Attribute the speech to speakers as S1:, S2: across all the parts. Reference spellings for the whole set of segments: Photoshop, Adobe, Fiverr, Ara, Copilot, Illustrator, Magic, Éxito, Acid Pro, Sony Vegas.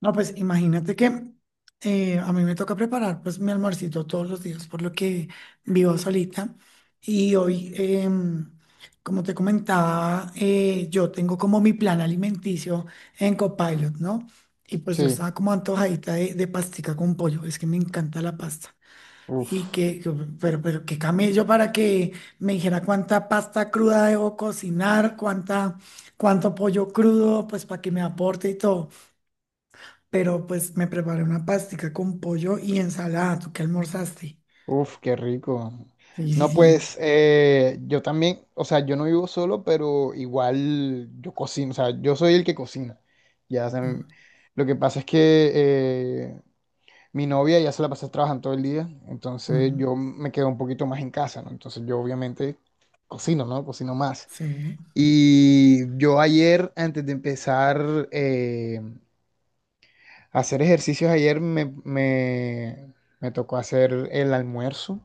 S1: No, pues imagínate que a mí me toca preparar pues mi almuercito todos los días, por lo que vivo solita. Y hoy, como te comentaba, yo tengo como mi plan alimenticio en Copilot, ¿no? Y pues yo
S2: Sí,
S1: estaba como antojadita de pastica con pollo, es que me encanta la pasta. Y
S2: uff,
S1: que, que- pero qué camello para que me dijera cuánta pasta cruda debo cocinar, cuánta, cuánto pollo crudo, pues para que me aporte y todo, pero pues me preparé una pastica con pollo y ensalada. ¿Tú qué almorzaste?
S2: uff, qué rico.
S1: Sí, sí,
S2: No,
S1: sí.
S2: pues yo también, o sea, yo no vivo solo, pero igual yo cocino, o sea, yo soy el que cocina. Ya, o sea,
S1: Mm,
S2: lo que pasa es que eh, mi novia ya se la pasa trabajando todo el día, entonces
S1: mm,
S2: yo me quedo un poquito más en casa, ¿no? Entonces yo obviamente cocino, ¿no? Cocino más.
S1: sí.
S2: Y yo ayer, antes de empezar a hacer ejercicios, ayer me tocó hacer el almuerzo.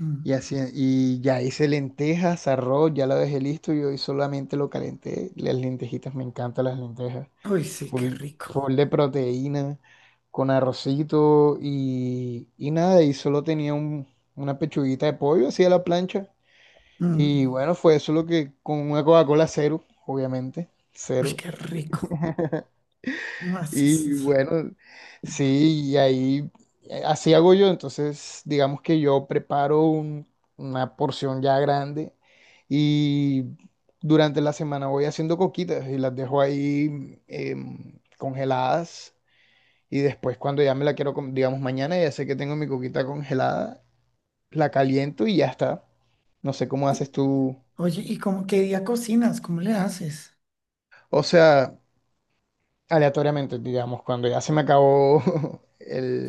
S1: Mm.
S2: Y así, y ya hice lentejas, arroz, ya lo dejé listo y hoy solamente lo calenté. Las lentejitas, me encantan las lentejas.
S1: Uy, sí, qué
S2: Full,
S1: rico.
S2: full de proteína, con arrocito y nada, y solo tenía una pechuguita de pollo así a la plancha. Y
S1: Mm.
S2: bueno, fue eso lo que, con una Coca-Cola cero, obviamente,
S1: Uy,
S2: cero.
S1: qué rico. No,
S2: Y
S1: es-
S2: bueno, sí, y ahí así hago yo. Entonces, digamos que yo preparo una porción ya grande y durante la semana voy haciendo coquitas y las dejo ahí congeladas. Y después, cuando ya me la quiero, digamos mañana, ya sé que tengo mi coquita congelada, la caliento y ya está. No sé cómo
S1: y-
S2: haces tú.
S1: oye, ¿y cómo qué día cocinas? ¿Cómo le haces?
S2: O sea, aleatoriamente, digamos, cuando ya se me acabó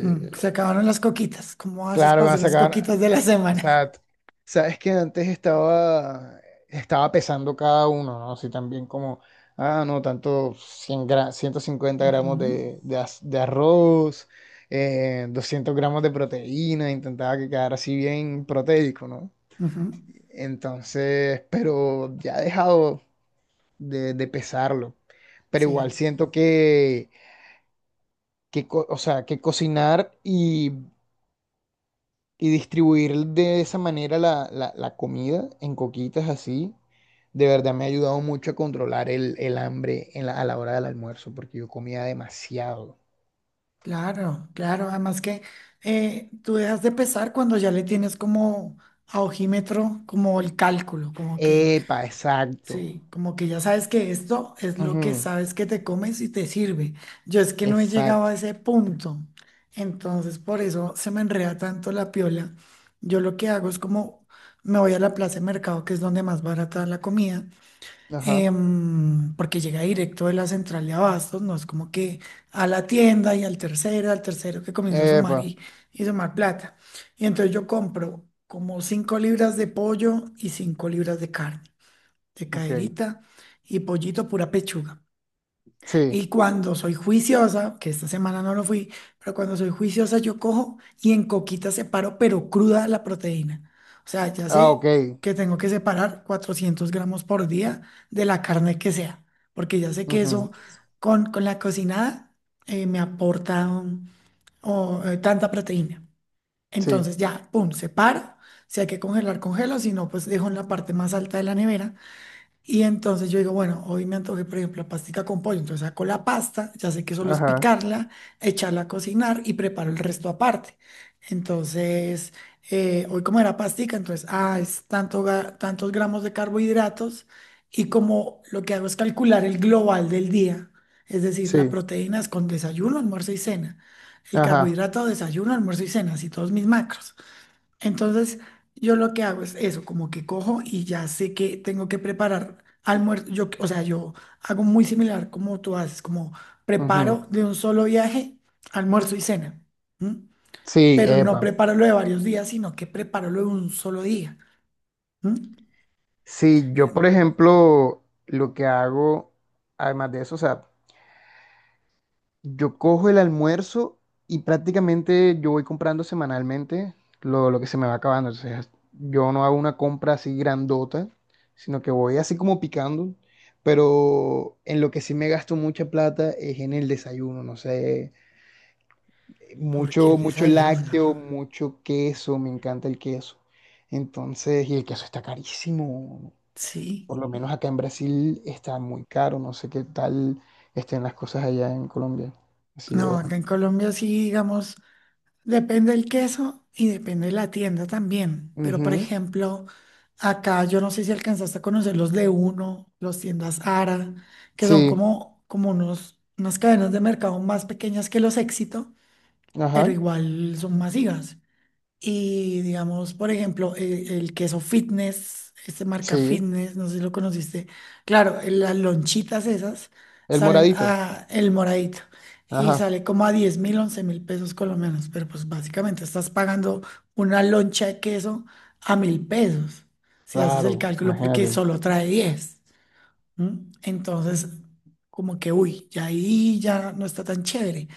S1: Mm, se acabaron las coquitas. ¿Cómo haces
S2: Claro,
S1: para
S2: van a
S1: hacer las
S2: sacar.
S1: coquitas de la
S2: O
S1: semana?
S2: sea, sabes que antes estaba pesando cada uno, ¿no? Así también como, ah, no, tanto 150 gramos
S1: Ujú,
S2: de arroz, 200 gramos de proteína, intentaba que quedara así bien proteico, ¿no?
S1: ujú,
S2: Entonces, pero ya he dejado de pesarlo. Pero igual
S1: sí.
S2: siento que, o sea, que cocinar y distribuir de esa manera la comida en coquitas así, de verdad me ha ayudado mucho a controlar el hambre a la hora del almuerzo, porque yo comía demasiado.
S1: Claro, claro. Además que tú dejas de pesar cuando ya le tienes como a ojímetro, como el cálculo, como que,
S2: Epa, exacto.
S1: sí, como que ya sabes que esto es lo que
S2: Ujú,
S1: sabes que te comes y te sirve. Yo es que no he llegado
S2: exacto.
S1: a ese punto. Entonces, por eso se me enreda tanto la piola. Yo lo que hago es como me voy a la plaza de mercado, que es donde más barata la comida,
S2: Ajá.
S1: porque llega directo de la central de abastos, no es como que a la tienda y al tercero que comienza a sumar
S2: Epa,
S1: y sumar plata. Y entonces yo compro como 5 libras de pollo y 5 libras de carne, de
S2: ok.
S1: caderita y pollito pura pechuga.
S2: Sí.
S1: Y cuando soy juiciosa, que esta semana no lo fui, pero cuando soy juiciosa yo cojo y en coquita separo, pero cruda la proteína. O sea, ya
S2: Ah,
S1: sé
S2: ok.
S1: que tengo que separar 400 gramos por día de la carne que sea, porque ya sé que
S2: Ujú,
S1: eso con la cocinada me aporta tanta proteína.
S2: sí.
S1: Entonces ya, pum, separo. Si hay que congelar, congelo, si no, pues dejo en la parte más alta de la nevera y entonces yo digo, bueno, hoy me antojé, por ejemplo, pastica con pollo. Entonces saco la pasta, ya sé que solo es
S2: Ajá.
S1: picarla, echarla a cocinar y preparo el resto aparte. Entonces, hoy como era pastica, entonces, ah, es tanto, tantos gramos de carbohidratos, y como lo que hago es calcular el global del día, es decir, la
S2: Sí.
S1: proteína es con desayuno, almuerzo y cena. El
S2: Ajá.
S1: carbohidrato, desayuno, almuerzo y cena, así todos mis macros. Entonces, yo lo que hago es eso, como que cojo y ya sé que tengo que preparar almuerzo. Yo, o sea, yo hago muy similar como tú haces, como
S2: Ujú.
S1: preparo de un solo viaje almuerzo y cena, ¿m?
S2: Sí,
S1: Pero no
S2: epa.
S1: preparo lo de varios días, sino que preparo lo de un solo día, ¿m?
S2: Sí, yo por ejemplo, lo que hago, además de eso, o sea, yo cojo el almuerzo y prácticamente yo voy comprando semanalmente lo que se me va acabando. O sea, yo no hago una compra así grandota, sino que voy así como picando. Pero en lo que sí me gasto mucha plata es en el desayuno, no sé,
S1: Porque
S2: mucho,
S1: el
S2: mucho
S1: desayuno,
S2: lácteo, mucho queso, me encanta el queso. Entonces, y el queso está carísimo.
S1: ¿sí?
S2: Por lo menos acá en Brasil está muy caro, no sé qué tal estén las cosas allá en Colombia. Así
S1: No,
S2: de,
S1: acá en Colombia sí, digamos. Depende del queso y depende de la tienda también. Pero, por
S2: ujú.
S1: ejemplo, acá yo no sé si alcanzaste a conocer los de uno, los tiendas Ara, que son
S2: Sí,
S1: como, unas cadenas de mercado más pequeñas que los Éxito, pero
S2: ajá,
S1: igual son masivas. Y digamos, por ejemplo, el queso fitness, este marca
S2: sí.
S1: fitness, no sé si lo conociste. Claro, las lonchitas esas
S2: El
S1: salen
S2: moradito.
S1: a el moradito y
S2: Ajá,
S1: sale como a 10.000, 11.000 pesos colombianos. Pero pues básicamente estás pagando una loncha de queso a 1000 pesos, si haces el
S2: claro,
S1: cálculo, porque
S2: imagínate.
S1: solo trae 10. ¿Mm? Entonces, como que, uy, ya ahí ya no está tan chévere.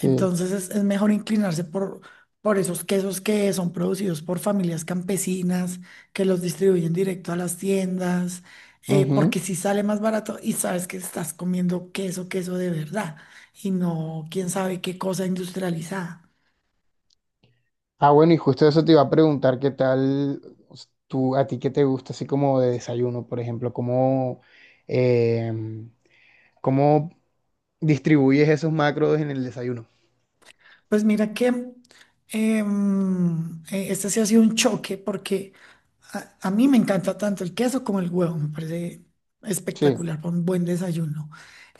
S2: Sí.
S1: Entonces es mejor inclinarse por esos quesos que son producidos por familias campesinas, que los distribuyen directo a las tiendas, porque
S2: Ujú.
S1: si sale más barato y sabes que estás comiendo queso, queso de verdad, y no quién sabe qué cosa industrializada.
S2: Ah, bueno, y justo eso te iba a preguntar, ¿qué tal tú, a ti qué te gusta así como de desayuno, por ejemplo? Em, cómo distribuyes esos macros en el desayuno?
S1: Pues mira que este sí ha sido un choque porque a mí me encanta tanto el queso como el huevo, me parece
S2: Sí,
S1: espectacular para un buen desayuno.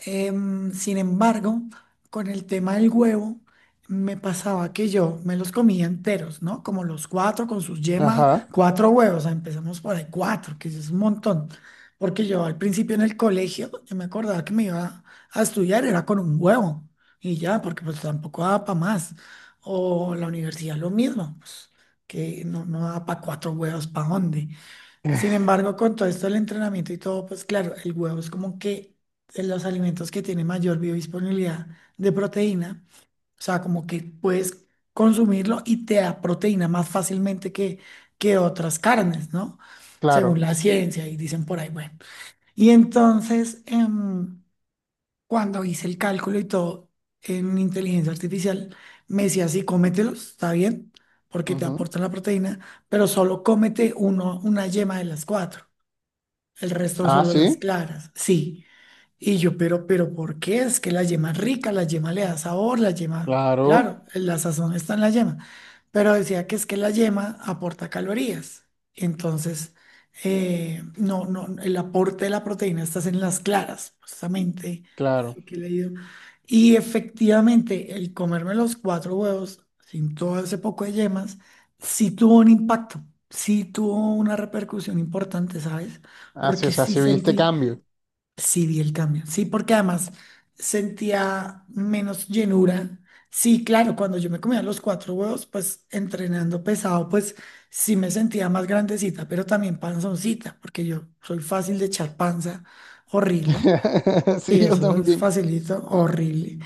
S1: Sin embargo, con el tema del huevo, me pasaba que yo me los comía enteros, ¿no? Como los cuatro con sus yemas,
S2: ajá,
S1: cuatro huevos, o sea, empezamos por ahí, cuatro, que eso es un montón. Porque yo al principio en el colegio, yo me acordaba que me iba a estudiar, era con un huevo. Y ya, porque pues tampoco da para más. O la universidad lo mismo, pues, que no, no da para cuatro huevos, ¿para dónde? Sin embargo, con todo esto del entrenamiento y todo, pues claro, el huevo es como que de los alimentos que tienen mayor biodisponibilidad de proteína, o sea, como que puedes consumirlo y te da proteína más fácilmente que otras carnes, ¿no? Según
S2: claro.
S1: la ciencia, y dicen por ahí, bueno. Y entonces, cuando hice el cálculo y todo en inteligencia artificial, me decía, sí, cómetelos, está bien, porque te
S2: Ujú.
S1: aportan la proteína, pero solo cómete uno, una yema de las cuatro, el resto
S2: Ah,
S1: solo
S2: sí,
S1: las claras, sí. Y yo, ¿por qué? Es que la yema es rica, la yema le da sabor, la yema,
S2: claro,
S1: claro, la sazón está en la yema, pero decía que es que la yema aporta calorías. Entonces, no, no, el aporte de la proteína está en las claras, justamente, es
S2: claro.
S1: lo que he leído. Y efectivamente, el comerme los cuatro huevos sin todo ese poco de yemas, sí tuvo un impacto, sí tuvo una repercusión importante, ¿sabes?
S2: Ah, sí, o
S1: Porque
S2: sea,
S1: sí
S2: sí viste
S1: sentí.
S2: cambio.
S1: Sí, vi el cambio. Sí, porque además sentía menos llenura. Sí, claro, cuando yo me comía los cuatro huevos, pues entrenando pesado, pues sí me sentía más grandecita, pero también panzoncita, porque yo soy fácil de echar panza, horrible.
S2: Sí,
S1: Y
S2: yo
S1: eso es
S2: también.
S1: facilito, horrible.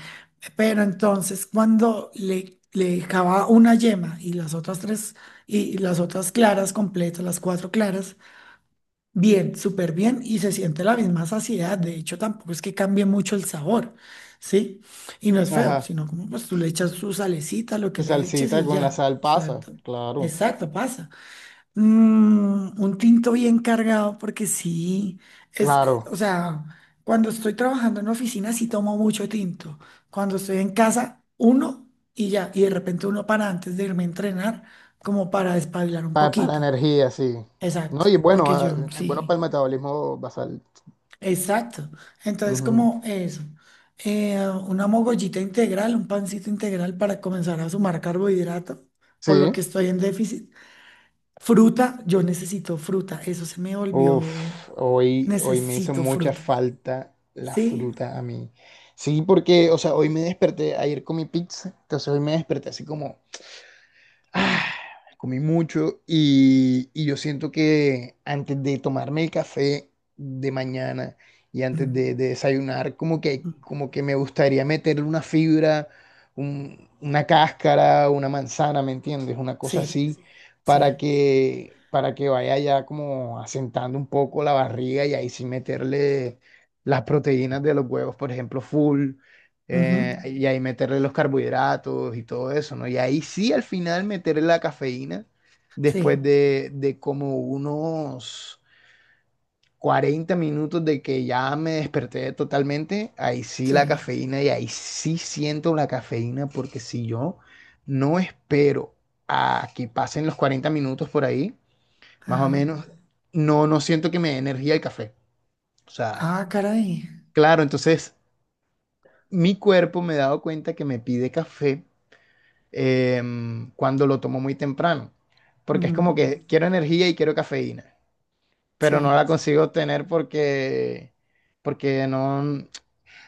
S1: Pero entonces cuando le dejaba una yema y las otras tres, y las otras claras completas, las cuatro claras, bien, súper bien y se siente la misma saciedad. De hecho, tampoco es que cambie mucho el sabor, ¿sí? Y no es feo,
S2: Ajá.
S1: sino como pues tú le echas su salecita, lo que
S2: Tu
S1: le eches
S2: salsita
S1: y
S2: con la
S1: ya.
S2: sal pasa,
S1: Exacto.
S2: claro,
S1: Exacto, pasa. Mm, un tinto bien cargado porque sí, es,
S2: claro,
S1: o sea, cuando estoy trabajando en oficina sí tomo mucho tinto. Cuando estoy en casa, uno y ya. Y de repente uno para antes de irme a entrenar, como para espabilar un
S2: para,
S1: poquito.
S2: energía, sí.
S1: Exacto,
S2: No, y es bueno,
S1: porque
S2: ah,
S1: yo
S2: es bueno
S1: sí.
S2: para el metabolismo basal.
S1: Exacto. Entonces,
S2: Ujú.
S1: como eso, eh, una mogollita integral, un pancito integral para comenzar a sumar carbohidrato, por lo
S2: Sí.
S1: que estoy en déficit. Fruta, yo necesito fruta, eso se me volvió,
S2: Uf, hoy me hizo
S1: necesito
S2: mucha
S1: fruta.
S2: falta la
S1: ¿Sí?
S2: fruta a mí. Sí, porque, o sea, hoy me desperté, ayer comí pizza, entonces hoy me desperté así como, ¡ah! Comí mucho y yo siento que antes de tomarme el café de mañana y antes
S1: Mm,
S2: de desayunar,
S1: mm,
S2: como que me gustaría meterle una fibra, una cáscara, una manzana, ¿me entiendes? Una cosa
S1: sí,
S2: así,
S1: sí.
S2: para que vaya ya como asentando un poco la barriga y ahí sí meterle las proteínas de los huevos, por ejemplo, full
S1: Ujú,
S2: y ahí meterle los carbohidratos y todo eso, ¿no? Y ahí sí al final meterle la cafeína después
S1: sí,
S2: de como unos 40 minutos de que ya me desperté totalmente, ahí sí la
S1: sí.
S2: cafeína y ahí sí siento la cafeína porque si yo no espero a que pasen los 40 minutos por ahí, más o
S1: Ajá.
S2: menos, no, no siento que me dé energía el café. O sea,
S1: Ah, caray.
S2: claro, entonces mi cuerpo me he dado cuenta que me pide café cuando lo tomo muy temprano, porque es
S1: Ujú,
S2: como que quiero energía y quiero cafeína, pero no
S1: sí,
S2: la consigo obtener porque no,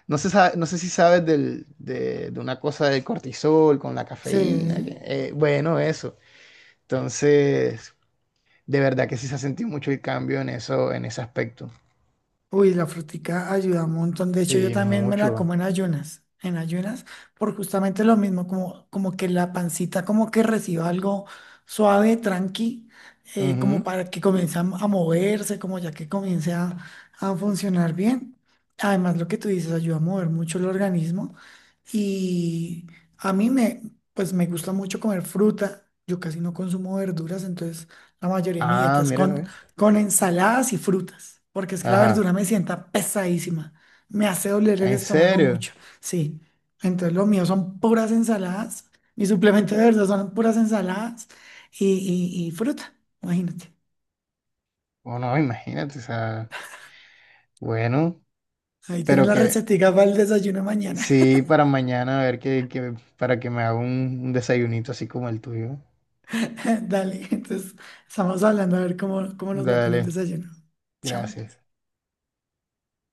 S2: no sé, no sé si sabes de una cosa del cortisol con la cafeína,
S1: sí.
S2: bueno, eso. Entonces, de verdad que sí se ha sentido mucho el cambio en eso, en ese aspecto.
S1: Uy, la frutica ayuda un montón. De hecho, yo
S2: Sí,
S1: también me la
S2: mucho.
S1: como en ayunas, por justamente lo mismo, como, que la pancita como que reciba algo suave, tranqui, como
S2: Ujú.
S1: para que comience a moverse, como ya que comience a funcionar bien. Además, lo que tú dices ayuda a mover mucho el organismo y a mí me, pues me gusta mucho comer fruta. Yo casi no consumo verduras, entonces la mayoría de mi dieta
S2: Ah,
S1: es
S2: mira, ve.
S1: con ensaladas y frutas, porque es que la
S2: Ajá.
S1: verdura me sienta pesadísima, me hace doler el
S2: ¿En
S1: estómago
S2: serio?
S1: mucho, sí. Entonces lo mío son puras ensaladas, mi suplemento de verdad son puras ensaladas y, y fruta, imagínate.
S2: O no imagínate, o sea, bueno,
S1: Ahí tienes
S2: pero
S1: la
S2: que,
S1: recetica para el desayuno mañana.
S2: sí, para mañana, a ver para que me haga un desayunito así como el tuyo.
S1: Dale, entonces estamos hablando a ver cómo nos va con el
S2: Dale,
S1: desayuno. Chao.
S2: gracias.